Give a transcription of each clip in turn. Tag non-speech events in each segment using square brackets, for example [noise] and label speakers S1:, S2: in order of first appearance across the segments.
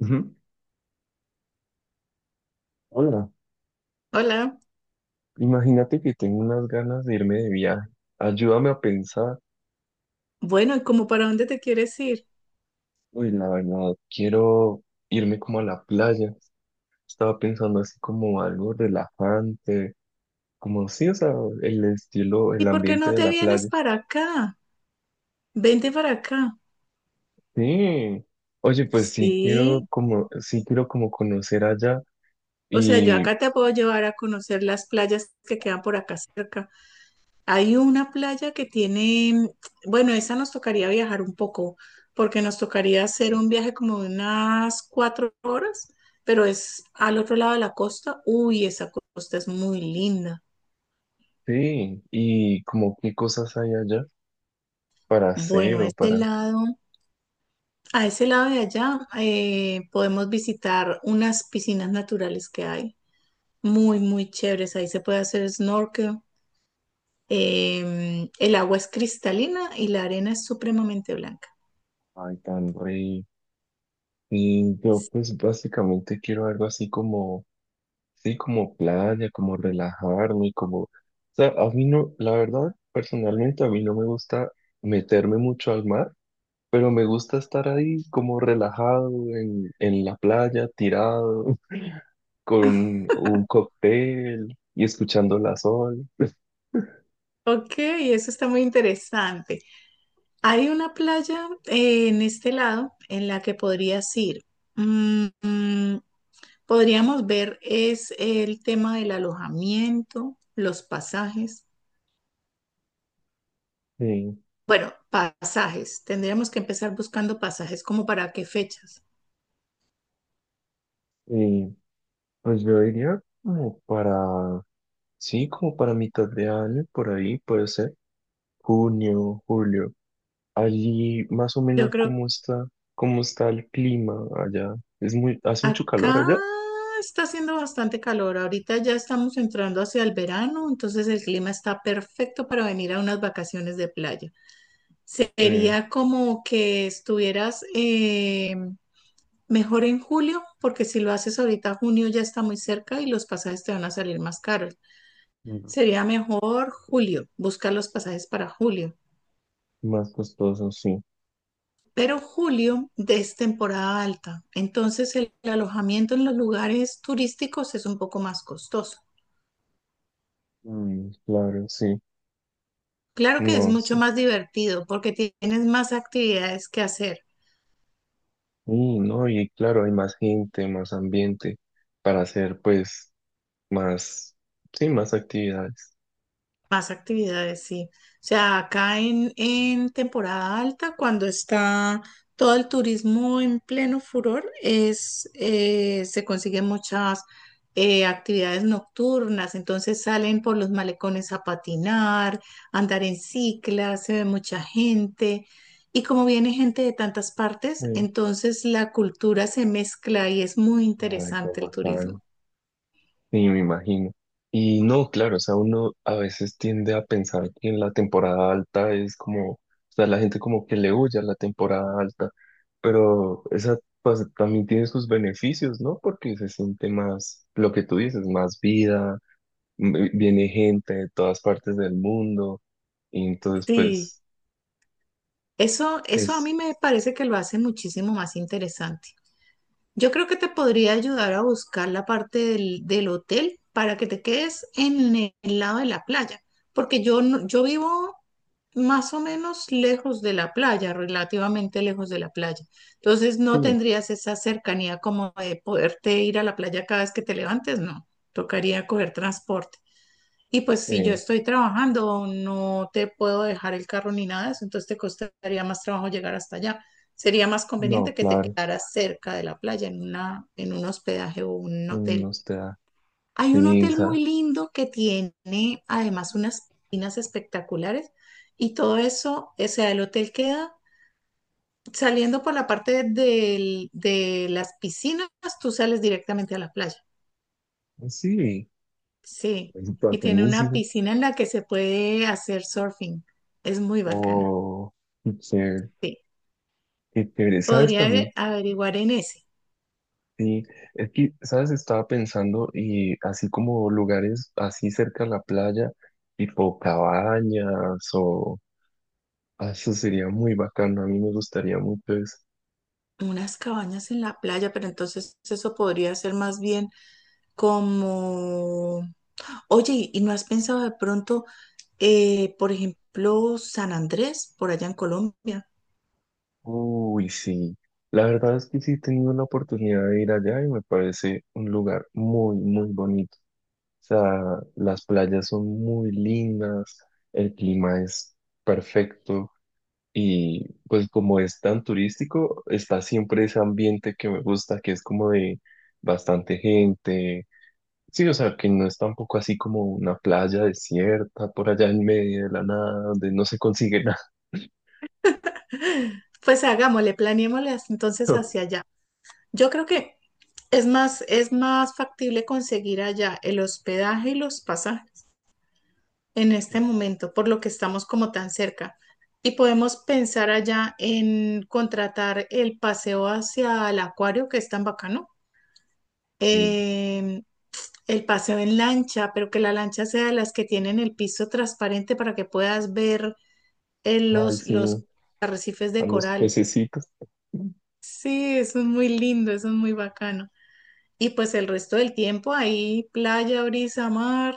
S1: Ujú. Hola,
S2: Hola,
S1: imagínate que tengo unas ganas de irme de viaje. Ayúdame a pensar.
S2: bueno, ¿y como para dónde te quieres ir?
S1: Uy, la verdad, quiero irme como a la playa. Estaba pensando así como algo relajante, como sí, o sea, el estilo, el
S2: ¿Y por qué
S1: ambiente
S2: no
S1: de
S2: te
S1: la
S2: vienes
S1: playa.
S2: para acá? Vente para acá.
S1: Sí. Oye, pues
S2: Sí,
S1: sí quiero como conocer allá
S2: o sea, yo
S1: y
S2: acá te puedo llevar a conocer las playas que quedan por acá cerca. Hay una playa que tiene, bueno, esa nos tocaría viajar un poco, porque nos tocaría
S1: sí,
S2: hacer un viaje como de unas cuatro horas, pero es al otro lado de la costa. Uy, esa costa es muy linda.
S1: sí, y como qué cosas hay allá para
S2: Bueno,
S1: hacer
S2: a
S1: o
S2: este
S1: para.
S2: lado. A ese lado de allá podemos visitar unas piscinas naturales que hay, muy, muy chéveres. Ahí se puede hacer snorkel. El agua es cristalina y la arena es supremamente blanca.
S1: Ay, tan rico. Y yo pues básicamente quiero algo así como, sí, como playa, como relajarme, como, o sea, a mí no, la verdad, personalmente a mí no me gusta meterme mucho al mar, pero me gusta estar ahí como relajado en la playa, tirado, [laughs] con un cóctel y escuchando la sol.
S2: Ok, eso está muy interesante. Hay una playa en este lado en la que podrías ir. Mm, mm, podríamos ver es el tema del alojamiento, los pasajes.
S1: Sí,
S2: Bueno, pasajes. Tendríamos que empezar buscando pasajes, como para qué fechas.
S1: y pues yo diría como para, sí, como para mitad de año, por ahí puede ser, junio, julio. Allí más o
S2: Yo
S1: menos
S2: creo,
S1: cómo está el clima allá. Es muy, hace mucho calor
S2: acá
S1: allá.
S2: está haciendo bastante calor. Ahorita ya estamos entrando hacia el verano, entonces el clima está perfecto para venir a unas vacaciones de playa.
S1: Eh,
S2: Sería como que estuvieras mejor en julio, porque si lo haces ahorita, junio ya está muy cerca y los pasajes te van a salir más caros.
S1: Mm.
S2: Sería mejor julio, buscar los pasajes para julio.
S1: Más costoso, sí.
S2: Pero julio es temporada alta, entonces el alojamiento en los lugares turísticos es un poco más costoso.
S1: Mm, claro, sí.
S2: Claro que es
S1: No,
S2: mucho
S1: sí.
S2: más divertido porque tienes más actividades que hacer.
S1: Mm, no, y claro, hay más gente, más ambiente para hacer pues más, sí, más actividades.
S2: Más actividades, sí. O sea, acá en temporada alta, cuando está todo el turismo en pleno furor, se consiguen muchas actividades nocturnas. Entonces salen por los malecones a patinar, a andar en cicla, se ve mucha gente. Y como viene gente de tantas partes,
S1: Eh,
S2: entonces la cultura se mezcla y es muy
S1: Ay, qué
S2: interesante el
S1: bacano.
S2: turismo.
S1: Sí, me imagino. Y no, claro, o sea, uno a veces tiende a pensar que en la temporada alta es como, o sea, la gente como que le huye a la temporada alta, pero esa pues, también tiene sus beneficios, ¿no? Porque se siente más, lo que tú dices, más vida, viene gente de todas partes del mundo, y entonces
S2: Sí.
S1: pues
S2: Eso a mí
S1: es,
S2: me parece que lo hace muchísimo más interesante. Yo creo que te podría ayudar a buscar la parte del hotel para que te quedes en el lado de la playa, porque yo, no- yo vivo más o menos lejos de la playa, relativamente lejos de la playa. Entonces no
S1: sí,
S2: tendrías esa cercanía como de poderte ir a la playa cada vez que te levantes, no. Tocaría coger transporte. Y pues si yo
S1: eh,
S2: estoy trabajando, no te puedo dejar el carro ni nada de eso, entonces te costaría más trabajo llegar hasta allá. Sería más
S1: no,
S2: conveniente que te
S1: claro,
S2: quedaras cerca de la playa en un hospedaje o un
S1: uno
S2: hotel.
S1: te da
S2: Hay un hotel
S1: risa,
S2: muy lindo que tiene además unas piscinas espectaculares y todo eso, o sea, el hotel queda saliendo por de las piscinas, tú sales directamente a la playa.
S1: sí,
S2: Sí,
S1: es
S2: y tiene una
S1: bacanísimo,
S2: piscina en la que se puede hacer surfing. Es muy bacana.
S1: o... chévere.
S2: Sí,
S1: Qué chévere. ¿Sabes
S2: podría
S1: también?
S2: averiguar en ese.
S1: Sí, es que, ¿sabes? Estaba pensando y así como lugares así cerca a la playa, tipo cabañas o... ah, eso sería muy bacano, a mí me gustaría mucho eso.
S2: Unas cabañas en la playa, pero entonces eso podría ser más bien como, oye, ¿y no has pensado de pronto, por ejemplo, San Andrés, por allá en Colombia?
S1: Uy, sí. La verdad es que sí he tenido la oportunidad de ir allá y me parece un lugar muy, muy bonito. O sea, las playas son muy lindas, el clima es perfecto. Y pues como es tan turístico, está siempre ese ambiente que me gusta, que es como de bastante gente. Sí, o sea, que no es tampoco así como una playa desierta por allá en medio de la nada, donde no se consigue nada.
S2: Pues hagámosle, planeémosle hasta entonces hacia
S1: [laughs]
S2: allá. Yo creo que es más factible conseguir allá el hospedaje y los pasajes en este momento, por lo que estamos como tan cerca. Y podemos pensar allá en contratar el paseo hacia el acuario, que es tan bacano,
S1: Mm.
S2: em, el paseo en lancha, pero que la lancha sea de las que tienen el piso transparente para que puedas ver
S1: Ay, sí,
S2: los arrecifes
S1: a
S2: de
S1: los
S2: coral.
S1: pececitos.
S2: Sí, eso es muy lindo, eso es muy bacano. Y pues el resto del tiempo ahí, playa, brisa, mar.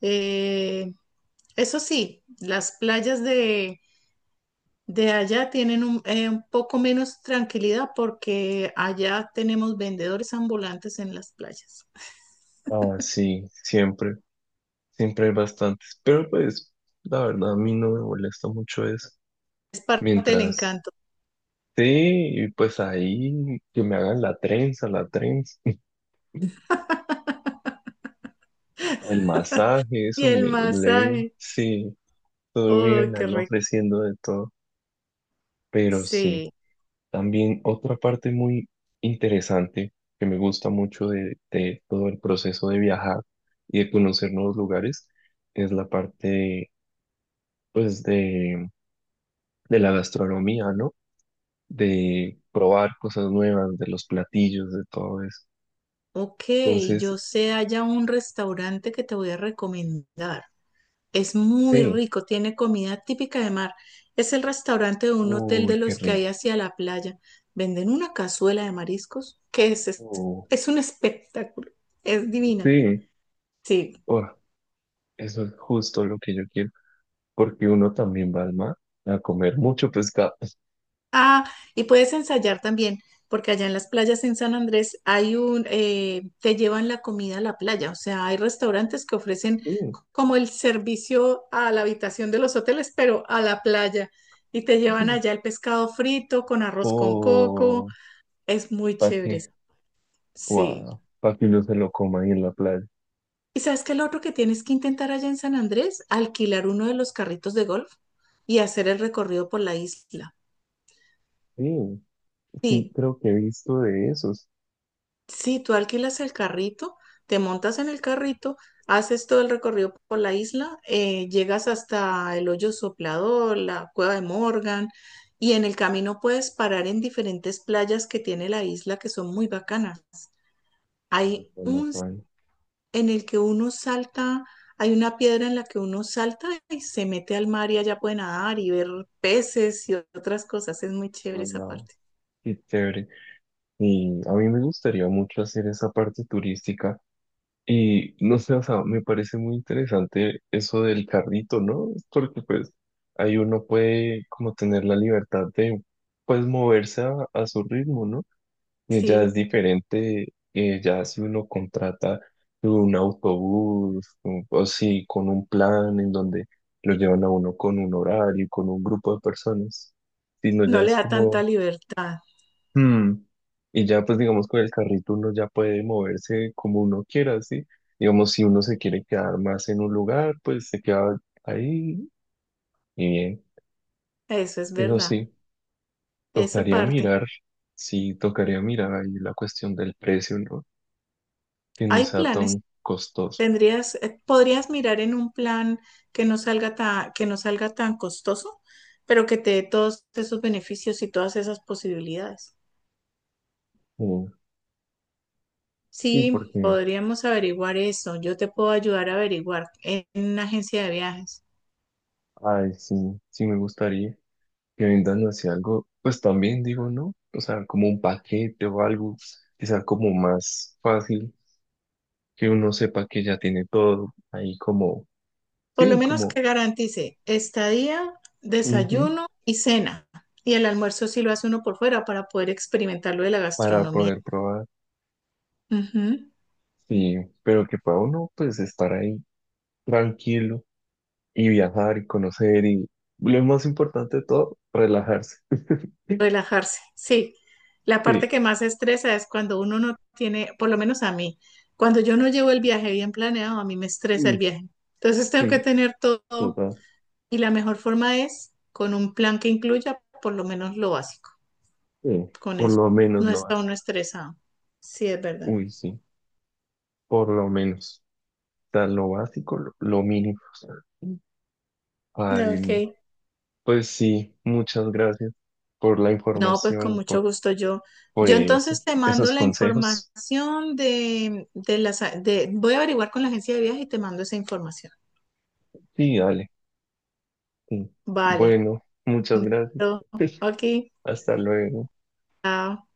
S2: Eh, eso sí, las playas de allá tienen un poco menos tranquilidad porque allá tenemos vendedores ambulantes en las playas.
S1: Ah, sí, siempre, siempre hay bastantes. Pero pues, la verdad, a mí no me molesta mucho eso.
S2: Es parte del
S1: Mientras,
S2: encanto.
S1: sí, y pues ahí que me hagan la trenza, la trenza. [laughs] El masaje,
S2: Y
S1: eso
S2: el
S1: me leí,
S2: masaje.
S1: sí, todo
S2: ¡Uy,
S1: viven
S2: qué
S1: ahí
S2: rico!
S1: ofreciendo de todo, pero sí.
S2: Sí.
S1: También otra parte muy interesante que me gusta mucho de todo el proceso de viajar y de conocer nuevos lugares es la parte, pues, de la gastronomía, ¿no? De probar cosas nuevas, de los platillos, de todo eso.
S2: Ok, yo
S1: Entonces,
S2: sé allá un restaurante que te voy a recomendar. Es muy
S1: sí,
S2: rico, tiene comida típica de mar. Es el restaurante de un hotel de
S1: uy, qué
S2: los que
S1: rico,
S2: hay hacia la playa. Venden una cazuela de mariscos que es un espectáculo. Es divina.
S1: sí,
S2: Sí.
S1: oh, eso es justo lo que yo quiero. Porque uno también va al mar a comer mucho pescado. [laughs]
S2: Ah, y puedes ensayar también, porque allá en las playas en San Andrés te llevan la comida a la playa, o sea, hay restaurantes que ofrecen
S1: Sí.
S2: como el servicio a la habitación de los hoteles, pero a la playa, y te llevan allá el pescado frito con arroz con coco,
S1: O
S2: es muy
S1: para
S2: chévere,
S1: que,
S2: sí.
S1: wow, para que uno se lo coma ahí en la playa.
S2: ¿Y sabes qué? Es Lo otro que tienes que intentar allá en San Andrés, alquilar uno de los carritos de golf y hacer el recorrido por la isla.
S1: Sí, sí,
S2: Sí,
S1: creo que he visto de esos.
S2: sí, tú alquilas el carrito, te montas en el carrito, haces todo el recorrido por la isla, llegas hasta el Hoyo Soplador, la Cueva de Morgan, y en el camino puedes parar en diferentes playas que tiene la isla que son muy bacanas.
S1: Ay,
S2: Hay
S1: qué más.
S2: un s- en el que uno salta, hay una piedra en la que uno salta y se mete al mar y allá puede nadar y ver peces y otras cosas. Es muy chévere esa
S1: Wow,
S2: parte.
S1: qué chévere. Y a mí me gustaría mucho hacer esa parte turística. Y no sé, o sea, me parece muy interesante eso del carrito, ¿no? Porque pues ahí uno puede como tener la libertad de pues moverse a su ritmo, ¿no? Ya es
S2: Sí,
S1: diferente, ya si uno contrata un autobús o si con un plan en donde lo llevan a uno con un horario, con un grupo de personas, sino ya
S2: no le
S1: es
S2: da tanta
S1: como,
S2: libertad,
S1: hmm, y ya pues digamos con el carrito uno ya puede moverse como uno quiera, ¿sí? Digamos, si uno se quiere quedar más en un lugar, pues se queda ahí y bien.
S2: eso es
S1: Eso
S2: verdad. Esa
S1: tocaría
S2: parte.
S1: mirar, sí, tocaría mirar ahí la cuestión del precio, ¿no? Que no
S2: Hay
S1: sea
S2: planes.
S1: tan costoso.
S2: Tendrías, podrías mirar en un plan que no salga tan costoso, pero que te dé todos esos beneficios y todas esas posibilidades.
S1: Eh, sí,
S2: Sí,
S1: porque,
S2: podríamos averiguar eso. Yo te puedo ayudar a averiguar en una agencia de viajes.
S1: ay, sí, sí me gustaría que vendan así algo, pues también digo, ¿no? O sea, como un paquete o algo que sea como más fácil, que uno sepa que ya tiene todo ahí como,
S2: Por lo
S1: sí,
S2: menos que
S1: como,
S2: garantice estadía,
S1: ujú,
S2: desayuno y cena. Y el almuerzo sí lo hace uno por fuera para poder experimentar lo de la
S1: para
S2: gastronomía.
S1: poder probar.
S2: Ujú.
S1: Sí, pero que para uno, pues, estar ahí tranquilo y viajar y conocer y, lo más importante de todo, relajarse. [laughs]
S2: Relajarse, sí. La parte
S1: Sí,
S2: que más estresa es cuando uno no tiene, por lo menos a mí, cuando yo no llevo el viaje bien planeado, a mí me estresa el
S1: Mm.
S2: viaje. Entonces tengo que
S1: Sí,
S2: tener todo
S1: total.
S2: y la mejor forma es con un plan que incluya por lo menos lo básico.
S1: Sí,
S2: Con
S1: por
S2: eso
S1: lo menos
S2: no
S1: lo
S2: está uno
S1: básico.
S2: estresado. Sí, es verdad.
S1: Uy, sí, por lo menos. O sea, lo básico, lo mínimo. Ay,
S2: Ok.
S1: no. Pues sí, muchas gracias por la
S2: No, pues
S1: información
S2: con
S1: y
S2: mucho gusto yo.
S1: por
S2: Yo
S1: eso,
S2: entonces te mando
S1: esos
S2: la
S1: consejos.
S2: información de las... De, voy a averiguar con la agencia de viaje y te mando esa información.
S1: Sí, dale. Sí.
S2: Vale.
S1: Bueno, muchas gracias.
S2: Pero,
S1: [laughs]
S2: ok.
S1: Hasta luego.
S2: Chao.